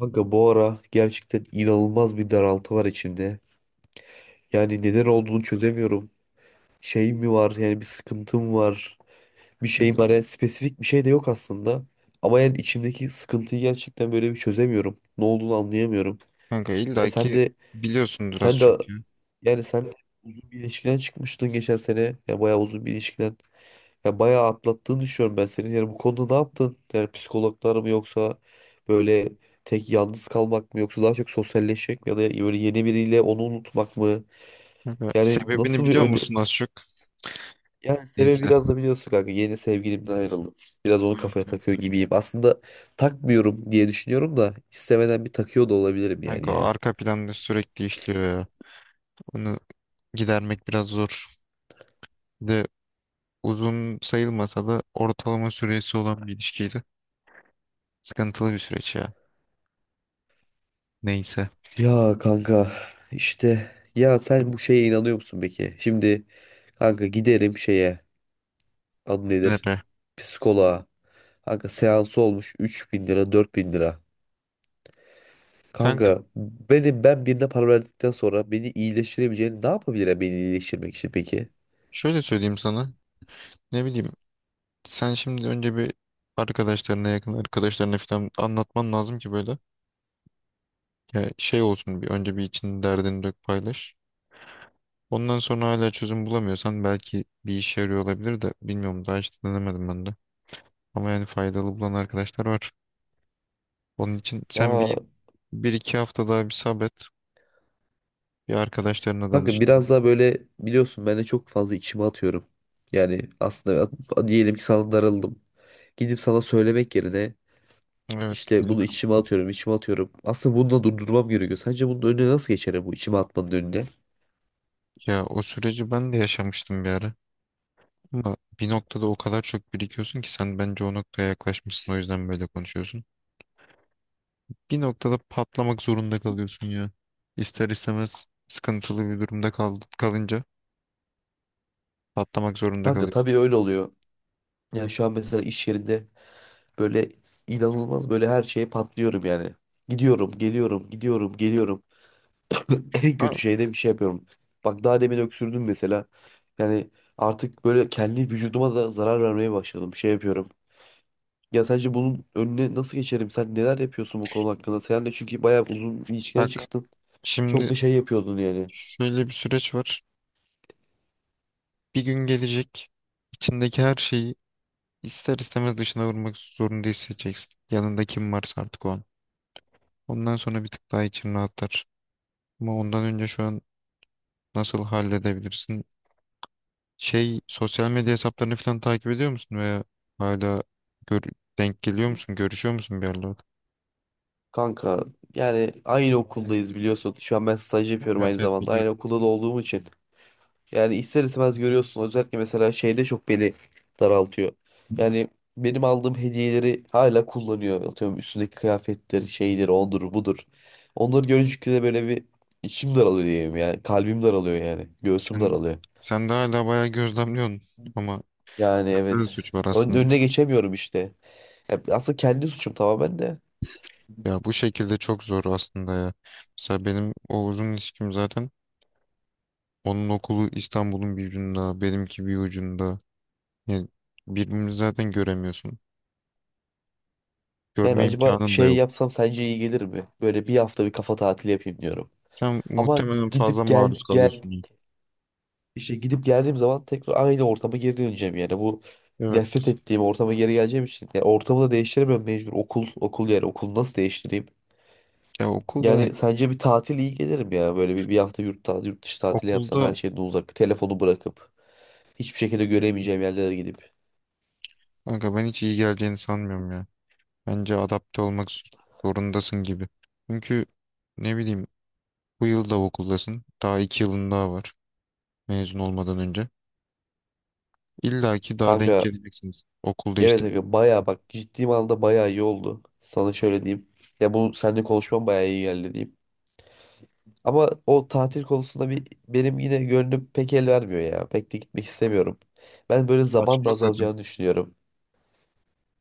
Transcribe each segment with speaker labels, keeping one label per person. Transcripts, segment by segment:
Speaker 1: Kanka bu ara gerçekten inanılmaz bir daraltı var içimde. Yani neden olduğunu çözemiyorum. Şey mi var yani bir sıkıntım var. Bir şey var yani spesifik bir şey de yok aslında. Ama yani içimdeki sıkıntıyı gerçekten böyle bir çözemiyorum. Ne olduğunu anlayamıyorum.
Speaker 2: Kanka
Speaker 1: Ya
Speaker 2: illaki biliyorsundur az
Speaker 1: sen de
Speaker 2: çok ya.
Speaker 1: sen de uzun bir ilişkiden çıkmıştın geçen sene. Ya bayağı uzun bir ilişkiden. Ya bayağı atlattığını düşünüyorum ben senin. Yani bu konuda ne yaptın? Yani psikologlar mı yoksa böyle tek yalnız kalmak mı yoksa daha çok sosyalleşmek mi ya da böyle yeni biriyle onu unutmak mı?
Speaker 2: Kanka,
Speaker 1: Yani
Speaker 2: sebebini
Speaker 1: nasıl bir
Speaker 2: biliyor
Speaker 1: öne...
Speaker 2: musun az çok?
Speaker 1: Yani sebebi
Speaker 2: Neyse.
Speaker 1: biraz da biliyorsun kanka yeni sevgilimden ayrıldım. Biraz onu
Speaker 2: Evet,
Speaker 1: kafaya
Speaker 2: evet.
Speaker 1: takıyor gibiyim. Aslında takmıyorum diye düşünüyorum da istemeden bir takıyor da olabilirim yani
Speaker 2: Kanka o
Speaker 1: ya.
Speaker 2: arka planda sürekli işliyor ya. Onu gidermek biraz zor. Bir de uzun sayılmasa da ortalama süresi olan bir ilişkiydi. Sıkıntılı bir süreç ya. Neyse.
Speaker 1: Ya kanka işte ya sen bu şeye inanıyor musun peki? Şimdi kanka giderim şeye adı
Speaker 2: Ne
Speaker 1: nedir?
Speaker 2: be.
Speaker 1: Psikoloğa. Kanka seansı olmuş 3.000 lira 4.000 lira.
Speaker 2: Kanka
Speaker 1: Kanka ben birine para verdikten sonra beni iyileştirebileceğini ne yapabilir beni iyileştirmek için peki?
Speaker 2: şöyle söyleyeyim sana. Ne bileyim. Sen şimdi önce bir yakın arkadaşlarına falan anlatman lazım ki böyle. Ya şey olsun bir önce bir için derdini dök paylaş. Ondan sonra hala çözüm bulamıyorsan belki bir işe yarıyor olabilir de bilmiyorum daha hiç denemedim ben de. Ama yani faydalı bulan arkadaşlar var. Onun için sen
Speaker 1: Ya
Speaker 2: bir iki hafta daha bir sabret. Bir arkadaşlarına danış.
Speaker 1: kanka
Speaker 2: diye.
Speaker 1: biraz daha böyle biliyorsun ben de çok fazla içime atıyorum. Yani aslında diyelim ki sana darıldım. Gidip sana söylemek yerine
Speaker 2: Evet
Speaker 1: işte bunu
Speaker 2: biliyorum.
Speaker 1: içime atıyorum. Aslında bunu da durdurmam gerekiyor. Sence bunun önüne nasıl geçerim bu içime atmanın önüne?
Speaker 2: Ya o süreci ben de yaşamıştım bir ara. Ama bir noktada o kadar çok birikiyorsun ki sen bence o noktaya yaklaşmışsın o yüzden böyle konuşuyorsun. Bir noktada patlamak zorunda kalıyorsun ya. İster istemez sıkıntılı bir durumda kalınca patlamak zorunda
Speaker 1: Kanka
Speaker 2: kalıyorsun.
Speaker 1: tabii öyle oluyor. Yani şu an mesela iş yerinde böyle inanılmaz böyle her şeye patlıyorum yani. Gidiyorum, geliyorum, gidiyorum, geliyorum. En
Speaker 2: Ama
Speaker 1: kötü şeyde bir şey yapıyorum. Bak daha demin öksürdüm mesela. Yani artık böyle kendi vücuduma da zarar vermeye başladım. Şey yapıyorum. Ya sence bunun önüne nasıl geçerim? Sen neler yapıyorsun bu konu hakkında? Sen de çünkü bayağı uzun bir ilişkiden
Speaker 2: bak,
Speaker 1: çıktın. Çok
Speaker 2: şimdi
Speaker 1: da şey yapıyordun yani.
Speaker 2: şöyle bir süreç var. Bir gün gelecek. İçindeki her şeyi ister istemez dışına vurmak zorunda hissedeceksin. Yanında kim varsa artık o an. Ondan sonra bir tık daha için rahatlar. Ama ondan önce şu an nasıl halledebilirsin? Şey, sosyal medya hesaplarını falan takip ediyor musun veya hala gör- denk geliyor musun? Görüşüyor musun bir yerlerde?
Speaker 1: Kanka yani aynı okuldayız biliyorsun. Şu an ben staj yapıyorum
Speaker 2: Evet,
Speaker 1: aynı
Speaker 2: evet
Speaker 1: zamanda. Aynı
Speaker 2: biliyorum.
Speaker 1: okulda da olduğum için. Yani ister istemez görüyorsun. Özellikle mesela şeyde çok beni daraltıyor. Yani benim aldığım hediyeleri hala kullanıyor. Atıyorum üstündeki kıyafetleri, şeyleri, ondur budur. Onları görünce de böyle bir içim daralıyor diyeyim yani. Kalbim daralıyor yani. Göğsüm
Speaker 2: Sen,
Speaker 1: daralıyor.
Speaker 2: sen de hala bayağı gözlemliyorsun ama
Speaker 1: Yani
Speaker 2: sende de
Speaker 1: evet.
Speaker 2: suç var aslında.
Speaker 1: Önüne geçemiyorum işte. Ya aslında kendi suçum tamamen de.
Speaker 2: Ya bu şekilde çok zor aslında ya. Mesela benim o ilişkim zaten onun okulu İstanbul'un bir ucunda, benimki bir ucunda. Yani birbirini zaten göremiyorsun.
Speaker 1: Yani
Speaker 2: Görme
Speaker 1: acaba
Speaker 2: imkanın da
Speaker 1: şey
Speaker 2: yok.
Speaker 1: yapsam sence iyi gelir mi? Böyle bir hafta bir kafa tatili yapayım diyorum.
Speaker 2: Sen
Speaker 1: Ama
Speaker 2: muhtemelen fazla
Speaker 1: gidip gel
Speaker 2: maruz
Speaker 1: gel
Speaker 2: kalıyorsun ya.
Speaker 1: İşte gidip geldiğim zaman tekrar aynı ortama geri döneceğim yani bu
Speaker 2: Evet.
Speaker 1: nefret ettiğim ortama geri geleceğim için yani ortamı da değiştiremiyorum mecbur okul yani okulu nasıl değiştireyim?
Speaker 2: Ya okulda
Speaker 1: Yani sence bir tatil iyi gelir mi ya böyle bir hafta yurt dışı tatili yapsam
Speaker 2: okulda
Speaker 1: her şeyden uzak telefonu bırakıp hiçbir şekilde göremeyeceğim yerlere gidip.
Speaker 2: kanka ben hiç iyi geleceğini sanmıyorum ya. Bence adapte olmak zorundasın gibi. Çünkü ne bileyim bu yıl da okuldasın. Daha 2 yılın daha var mezun olmadan önce. İlla ki daha denk
Speaker 1: Kanka
Speaker 2: geleceksiniz. Okul
Speaker 1: evet
Speaker 2: değiştirmek
Speaker 1: kanka baya bak ciddi anlamda baya iyi oldu sana şöyle diyeyim ya bu seninle konuşmam baya iyi geldi diyeyim. Ama o tatil konusunda bir benim yine gönlüm pek el vermiyor ya. Pek de gitmek istemiyorum. Ben böyle zaman da
Speaker 2: saçma zaten.
Speaker 1: azalacağını düşünüyorum.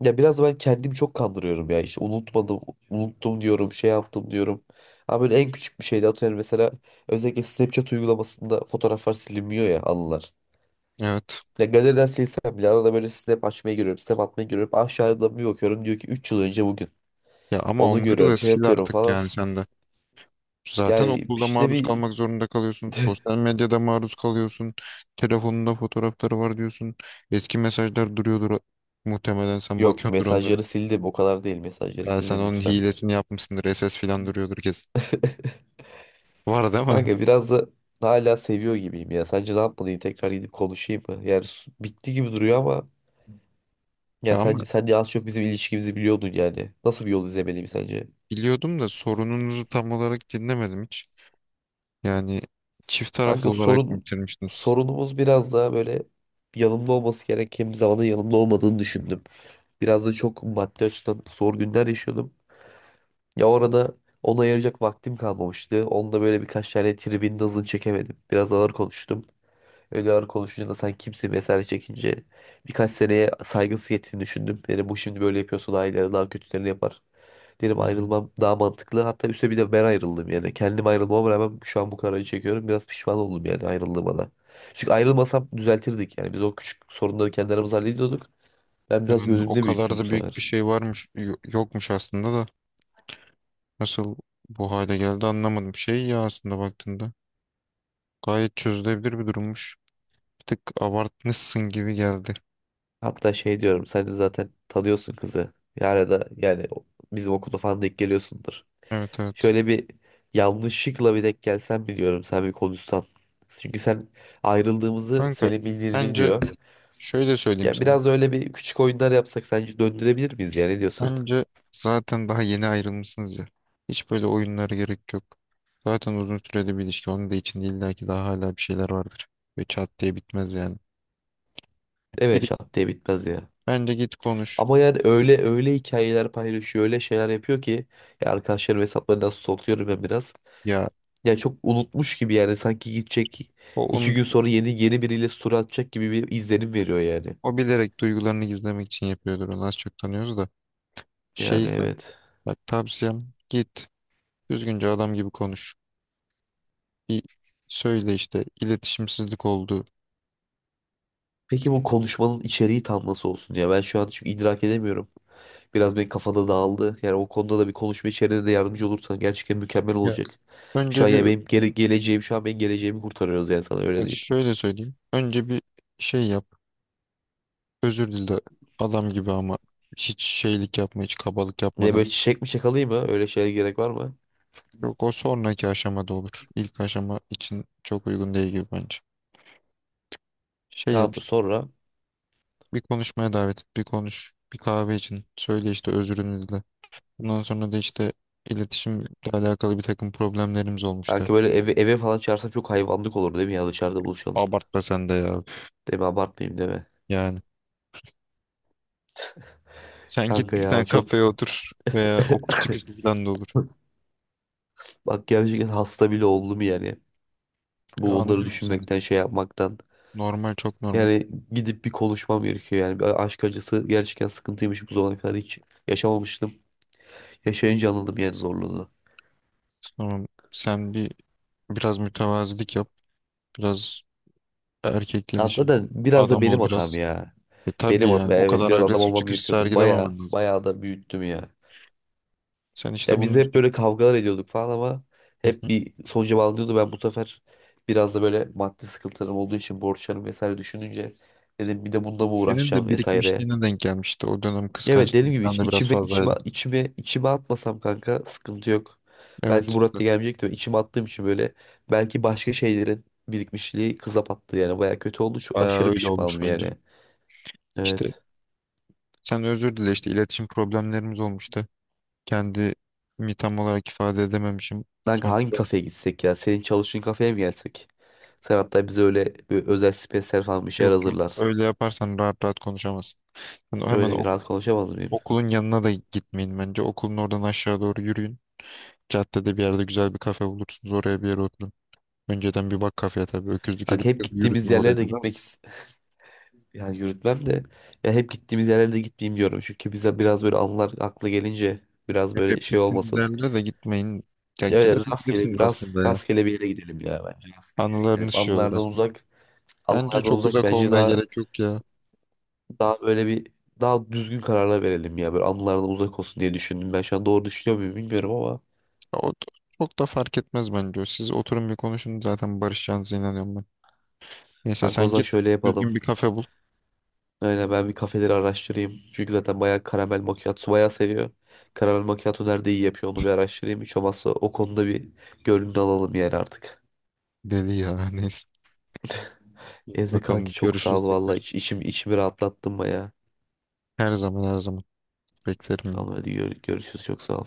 Speaker 1: Ya biraz da ben kendimi çok kandırıyorum ya. İşte unutmadım, unuttum diyorum, şey yaptım diyorum. Ama böyle en küçük bir şeyde atıyorum mesela özellikle Snapchat uygulamasında fotoğraflar silinmiyor ya anılar.
Speaker 2: Evet.
Speaker 1: Ya galeriden silsem bile arada böyle Snap açmaya giriyorum, Snap atmaya giriyorum. Aşağıda bir bakıyorum diyor ki 3 yıl önce bugün.
Speaker 2: Ya ama
Speaker 1: Onu
Speaker 2: onları da
Speaker 1: görüyorum, şey
Speaker 2: sil
Speaker 1: yapıyorum
Speaker 2: artık
Speaker 1: falan.
Speaker 2: yani sen de. Zaten
Speaker 1: Yani
Speaker 2: okulda
Speaker 1: işte
Speaker 2: maruz
Speaker 1: bir
Speaker 2: kalmak zorunda kalıyorsun. Sosyal medyada maruz kalıyorsun. Telefonunda fotoğrafları var diyorsun. Eski mesajlar duruyordur. Muhtemelen sen
Speaker 1: yok
Speaker 2: bakıyordur onlara.
Speaker 1: mesajları sildim. O kadar değil mesajları
Speaker 2: Ya sen
Speaker 1: sildim
Speaker 2: onun
Speaker 1: lütfen.
Speaker 2: hilesini yapmışsındır. SS falan duruyordur kesin. Var değil mi?
Speaker 1: Kanka biraz da hala seviyor gibiyim ya. Sence ne yapmalıyım? Tekrar gidip konuşayım mı? Yani bitti gibi duruyor ama ya
Speaker 2: Ya ama
Speaker 1: sence sen de az çok bizim ilişkimizi biliyordun yani. Nasıl bir yol izlemeliyim sence?
Speaker 2: biliyordum da sorununuzu tam olarak dinlemedim hiç. Yani çift taraflı
Speaker 1: Kanka
Speaker 2: olarak mı
Speaker 1: sorun
Speaker 2: bitirmiştiniz?
Speaker 1: sorunumuz biraz daha böyle yanımda olması gereken bir zamanda yanımda olmadığını düşündüm. Biraz da çok maddi açıdan zor günler yaşıyordum. Ya orada ona ayıracak vaktim kalmamıştı. Onda böyle birkaç tane tribin hızını çekemedim. Biraz ağır konuştum. Öyle ağır konuşunca da sen kimsin vesaire çekince birkaç seneye saygısı yettiğini düşündüm. Dedim bu şimdi böyle yapıyorsa daha ileride daha kötülerini yapar. Dedim
Speaker 2: Hmm.
Speaker 1: ayrılmam daha mantıklı. Hatta üstüne bir de ben ayrıldım yani. Kendim ayrılmama rağmen şu an bu kararı çekiyorum. Biraz pişman oldum yani ayrıldığıma da. Çünkü ayrılmasam düzeltirdik yani. Biz o küçük sorunları kendi aramızda hallediyorduk. Ben biraz
Speaker 2: Yani o
Speaker 1: gözümde
Speaker 2: kadar
Speaker 1: büyüttüm bu
Speaker 2: da büyük bir
Speaker 1: sefer.
Speaker 2: şey varmış, yokmuş aslında da. Nasıl bu hale geldi anlamadım. Şey ya aslında baktığında gayet çözülebilir bir durummuş. Bir tık abartmışsın gibi geldi.
Speaker 1: Hatta şey diyorum sen de zaten tanıyorsun kızı. Yani da yani bizim okulda falan denk geliyorsundur.
Speaker 2: Evet, evet.
Speaker 1: Şöyle bir yanlışlıkla bir denk gelsen biliyorum sen bir konuşsan. Çünkü sen ayrıldığımızı
Speaker 2: Kanka
Speaker 1: Selim bildiğini
Speaker 2: bence
Speaker 1: bilmiyor.
Speaker 2: şöyle söyleyeyim
Speaker 1: Ya
Speaker 2: sana.
Speaker 1: biraz öyle bir küçük oyunlar yapsak sence döndürebilir miyiz ya ne diyorsun?
Speaker 2: Bence zaten daha yeni ayrılmışsınız ya. Hiç böyle oyunlara gerek yok. Zaten uzun süreli bir ilişki. Onun da içinde illa ki daha hala bir şeyler vardır. Ve çat diye bitmez yani.
Speaker 1: Evet
Speaker 2: Bir,
Speaker 1: çat diye bitmez ya.
Speaker 2: bence git konuş.
Speaker 1: Ama yani öyle öyle hikayeler paylaşıyor öyle şeyler yapıyor ki ya arkadaşlarım hesaplarını nasıl stalkluyorum ben biraz.
Speaker 2: Ya
Speaker 1: Ya çok unutmuş gibi yani sanki gidecek
Speaker 2: o,
Speaker 1: iki
Speaker 2: onun,
Speaker 1: gün sonra yeni biriyle story atacak gibi bir izlenim veriyor yani.
Speaker 2: o bilerek duygularını gizlemek için yapıyordur. Onu az çok tanıyoruz da.
Speaker 1: Yani
Speaker 2: Şey sen.
Speaker 1: evet.
Speaker 2: Bak tavsiyem git. Düzgünce adam gibi konuş. Bir söyle işte iletişimsizlik oldu.
Speaker 1: Peki bu konuşmanın içeriği tam nasıl olsun ya? Ben şu an çünkü idrak edemiyorum. Biraz benim kafada dağıldı. Yani o konuda da bir konuşma içeriğinde de yardımcı olursan gerçekten mükemmel
Speaker 2: Ya
Speaker 1: olacak. Şu an
Speaker 2: önce bir
Speaker 1: ya benim geleceğim şu an benim geleceğimi kurtarıyoruz yani sana öyle
Speaker 2: bak
Speaker 1: diyeyim.
Speaker 2: şöyle söyleyeyim. Önce bir şey yap. Özür dile adam gibi ama hiç şeylik yapma, hiç kabalık
Speaker 1: Ne
Speaker 2: yapmadan.
Speaker 1: böyle çiçek mi çakalayım mı? Öyle şeye gerek var mı?
Speaker 2: Yok, o sonraki aşamada olur. İlk aşama için çok uygun değil gibi bence. Şey yap
Speaker 1: Tamam
Speaker 2: işte,
Speaker 1: sonra
Speaker 2: bir konuşmaya davet et, bir konuş. Bir kahve için söyle işte özrünü dile. Bundan sonra da işte iletişimle alakalı bir takım problemlerimiz olmuştu.
Speaker 1: kanka böyle eve falan çağırsam çok hayvanlık olur değil mi ya dışarıda buluşalım.
Speaker 2: Abartma sen de ya.
Speaker 1: Değil mi abartmayayım değil mi?
Speaker 2: Yani. Sen git
Speaker 1: Kanka
Speaker 2: bir tane
Speaker 1: ya çok
Speaker 2: kafeye otur veya okul çıkışından da olur.
Speaker 1: bak gerçekten hasta bile oldum yani.
Speaker 2: Ya
Speaker 1: Bu onları
Speaker 2: anlıyorum seni.
Speaker 1: düşünmekten şey yapmaktan.
Speaker 2: Normal, çok normal.
Speaker 1: Yani gidip bir konuşmam gerekiyor yani. Bir aşk acısı gerçekten sıkıntıymış bu zamana kadar hiç yaşamamıştım. Yaşayınca anladım yani zorluğunu.
Speaker 2: Tamam sen bir biraz mütevazilik yap. Biraz erkekliğini
Speaker 1: Hatta
Speaker 2: şey.
Speaker 1: da biraz da
Speaker 2: Adam
Speaker 1: benim
Speaker 2: ol
Speaker 1: hatam
Speaker 2: biraz.
Speaker 1: ya.
Speaker 2: E tabii
Speaker 1: Benim hatam
Speaker 2: yani o
Speaker 1: evet
Speaker 2: kadar
Speaker 1: biraz adam
Speaker 2: agresif
Speaker 1: olmam
Speaker 2: çıkış
Speaker 1: gerekiyordu. Baya
Speaker 2: sergilememen lazım.
Speaker 1: baya da büyüttüm ya.
Speaker 2: Sen işte
Speaker 1: Ya biz
Speaker 2: bunun
Speaker 1: de hep
Speaker 2: için
Speaker 1: böyle kavgalar ediyorduk falan ama hep
Speaker 2: Hı.
Speaker 1: bir sonuca bağlanıyordu. Ben bu sefer biraz da böyle maddi sıkıntılarım olduğu için borçlarım vesaire düşününce dedim bir de bunda mı
Speaker 2: senin
Speaker 1: uğraşacağım
Speaker 2: de
Speaker 1: vesaire.
Speaker 2: birikmişliğine denk gelmişti. O dönem
Speaker 1: Evet dediğim
Speaker 2: kıskançlığın
Speaker 1: gibi
Speaker 2: falan da biraz
Speaker 1: içime içime
Speaker 2: fazlaydı.
Speaker 1: içime içime atmasam kanka sıkıntı yok.
Speaker 2: Evet
Speaker 1: Belki
Speaker 2: işte
Speaker 1: Murat da gelmeyecekti. Ben içime attığım için böyle belki başka şeylerin birikmişliği kıza battı yani. Baya kötü oldu. Çok
Speaker 2: bayağı
Speaker 1: aşırı
Speaker 2: öyle olmuş
Speaker 1: pişmanım
Speaker 2: bence.
Speaker 1: yani.
Speaker 2: İşte
Speaker 1: Evet.
Speaker 2: sen özür dile işte iletişim problemlerimiz olmuştu. Kendimi tam olarak ifade edememişim.
Speaker 1: Kanka
Speaker 2: Sonra
Speaker 1: hangi
Speaker 2: da.
Speaker 1: kafeye gitsek ya? Senin çalıştığın kafeye mi gelsek? Sen hatta bize öyle bir özel spesyal falan bir şeyler
Speaker 2: Yok, yok.
Speaker 1: hazırlarsın.
Speaker 2: Öyle yaparsan rahat rahat konuşamazsın. Yani hemen
Speaker 1: Öyle rahat konuşamaz mıyım?
Speaker 2: okulun yanına da gitmeyin bence. Okulun oradan aşağı doğru yürüyün. Caddede bir yerde güzel bir kafe bulursunuz. Oraya bir yere oturun. Önceden bir bak kafeye tabii. Öküzlük
Speaker 1: Kanka
Speaker 2: edip
Speaker 1: hep gittiğimiz
Speaker 2: yürütme oraya
Speaker 1: yerlere de
Speaker 2: kadar da.
Speaker 1: gitmek istiyorum. Yani yürütmem de ya hep gittiğimiz yerlerde gitmeyeyim diyorum. Çünkü bize biraz böyle anılar aklı gelince biraz
Speaker 2: Hep,
Speaker 1: böyle
Speaker 2: hep
Speaker 1: şey
Speaker 2: gittiğiniz
Speaker 1: olmasın.
Speaker 2: yerlere de gitmeyin. Ya
Speaker 1: Öyle
Speaker 2: gidebilirsiniz aslında ya.
Speaker 1: rastgele bir yere gidelim ya bence. Gidelim.
Speaker 2: Anılarınız şey olur aslında. Bence
Speaker 1: Anılardan
Speaker 2: çok
Speaker 1: uzak
Speaker 2: uzak
Speaker 1: bence
Speaker 2: olmaya
Speaker 1: daha
Speaker 2: gerek yok ya. Ya
Speaker 1: daha böyle bir daha düzgün kararlar verelim ya. Böyle anılardan uzak olsun diye düşündüm. Ben şu an doğru düşünüyor muyum bilmiyorum ama
Speaker 2: O da- çok da fark etmez bence. O. Siz oturun bir konuşun zaten barışacağınıza inanıyorum ben. Neyse
Speaker 1: kanka o
Speaker 2: sen
Speaker 1: zaman
Speaker 2: git
Speaker 1: şöyle yapalım.
Speaker 2: düzgün bir kafe bul.
Speaker 1: Aynen ben bir kafeleri araştırayım. Çünkü zaten bayağı karamel macchiato bayağı seviyor. Karamel macchiato nerede iyi yapıyor onu bir araştırayım. Hiç olmazsa o konuda bir gönlünü alalım yani artık.
Speaker 2: Deli ya neyse.
Speaker 1: Ezdi
Speaker 2: Bakalım
Speaker 1: kanki çok sağ
Speaker 2: görüşürüz
Speaker 1: ol valla.
Speaker 2: tekrar.
Speaker 1: İçimi rahatlattın baya.
Speaker 2: Her zaman, her zaman beklerim yine.
Speaker 1: Tamam hadi görüşürüz çok sağ ol.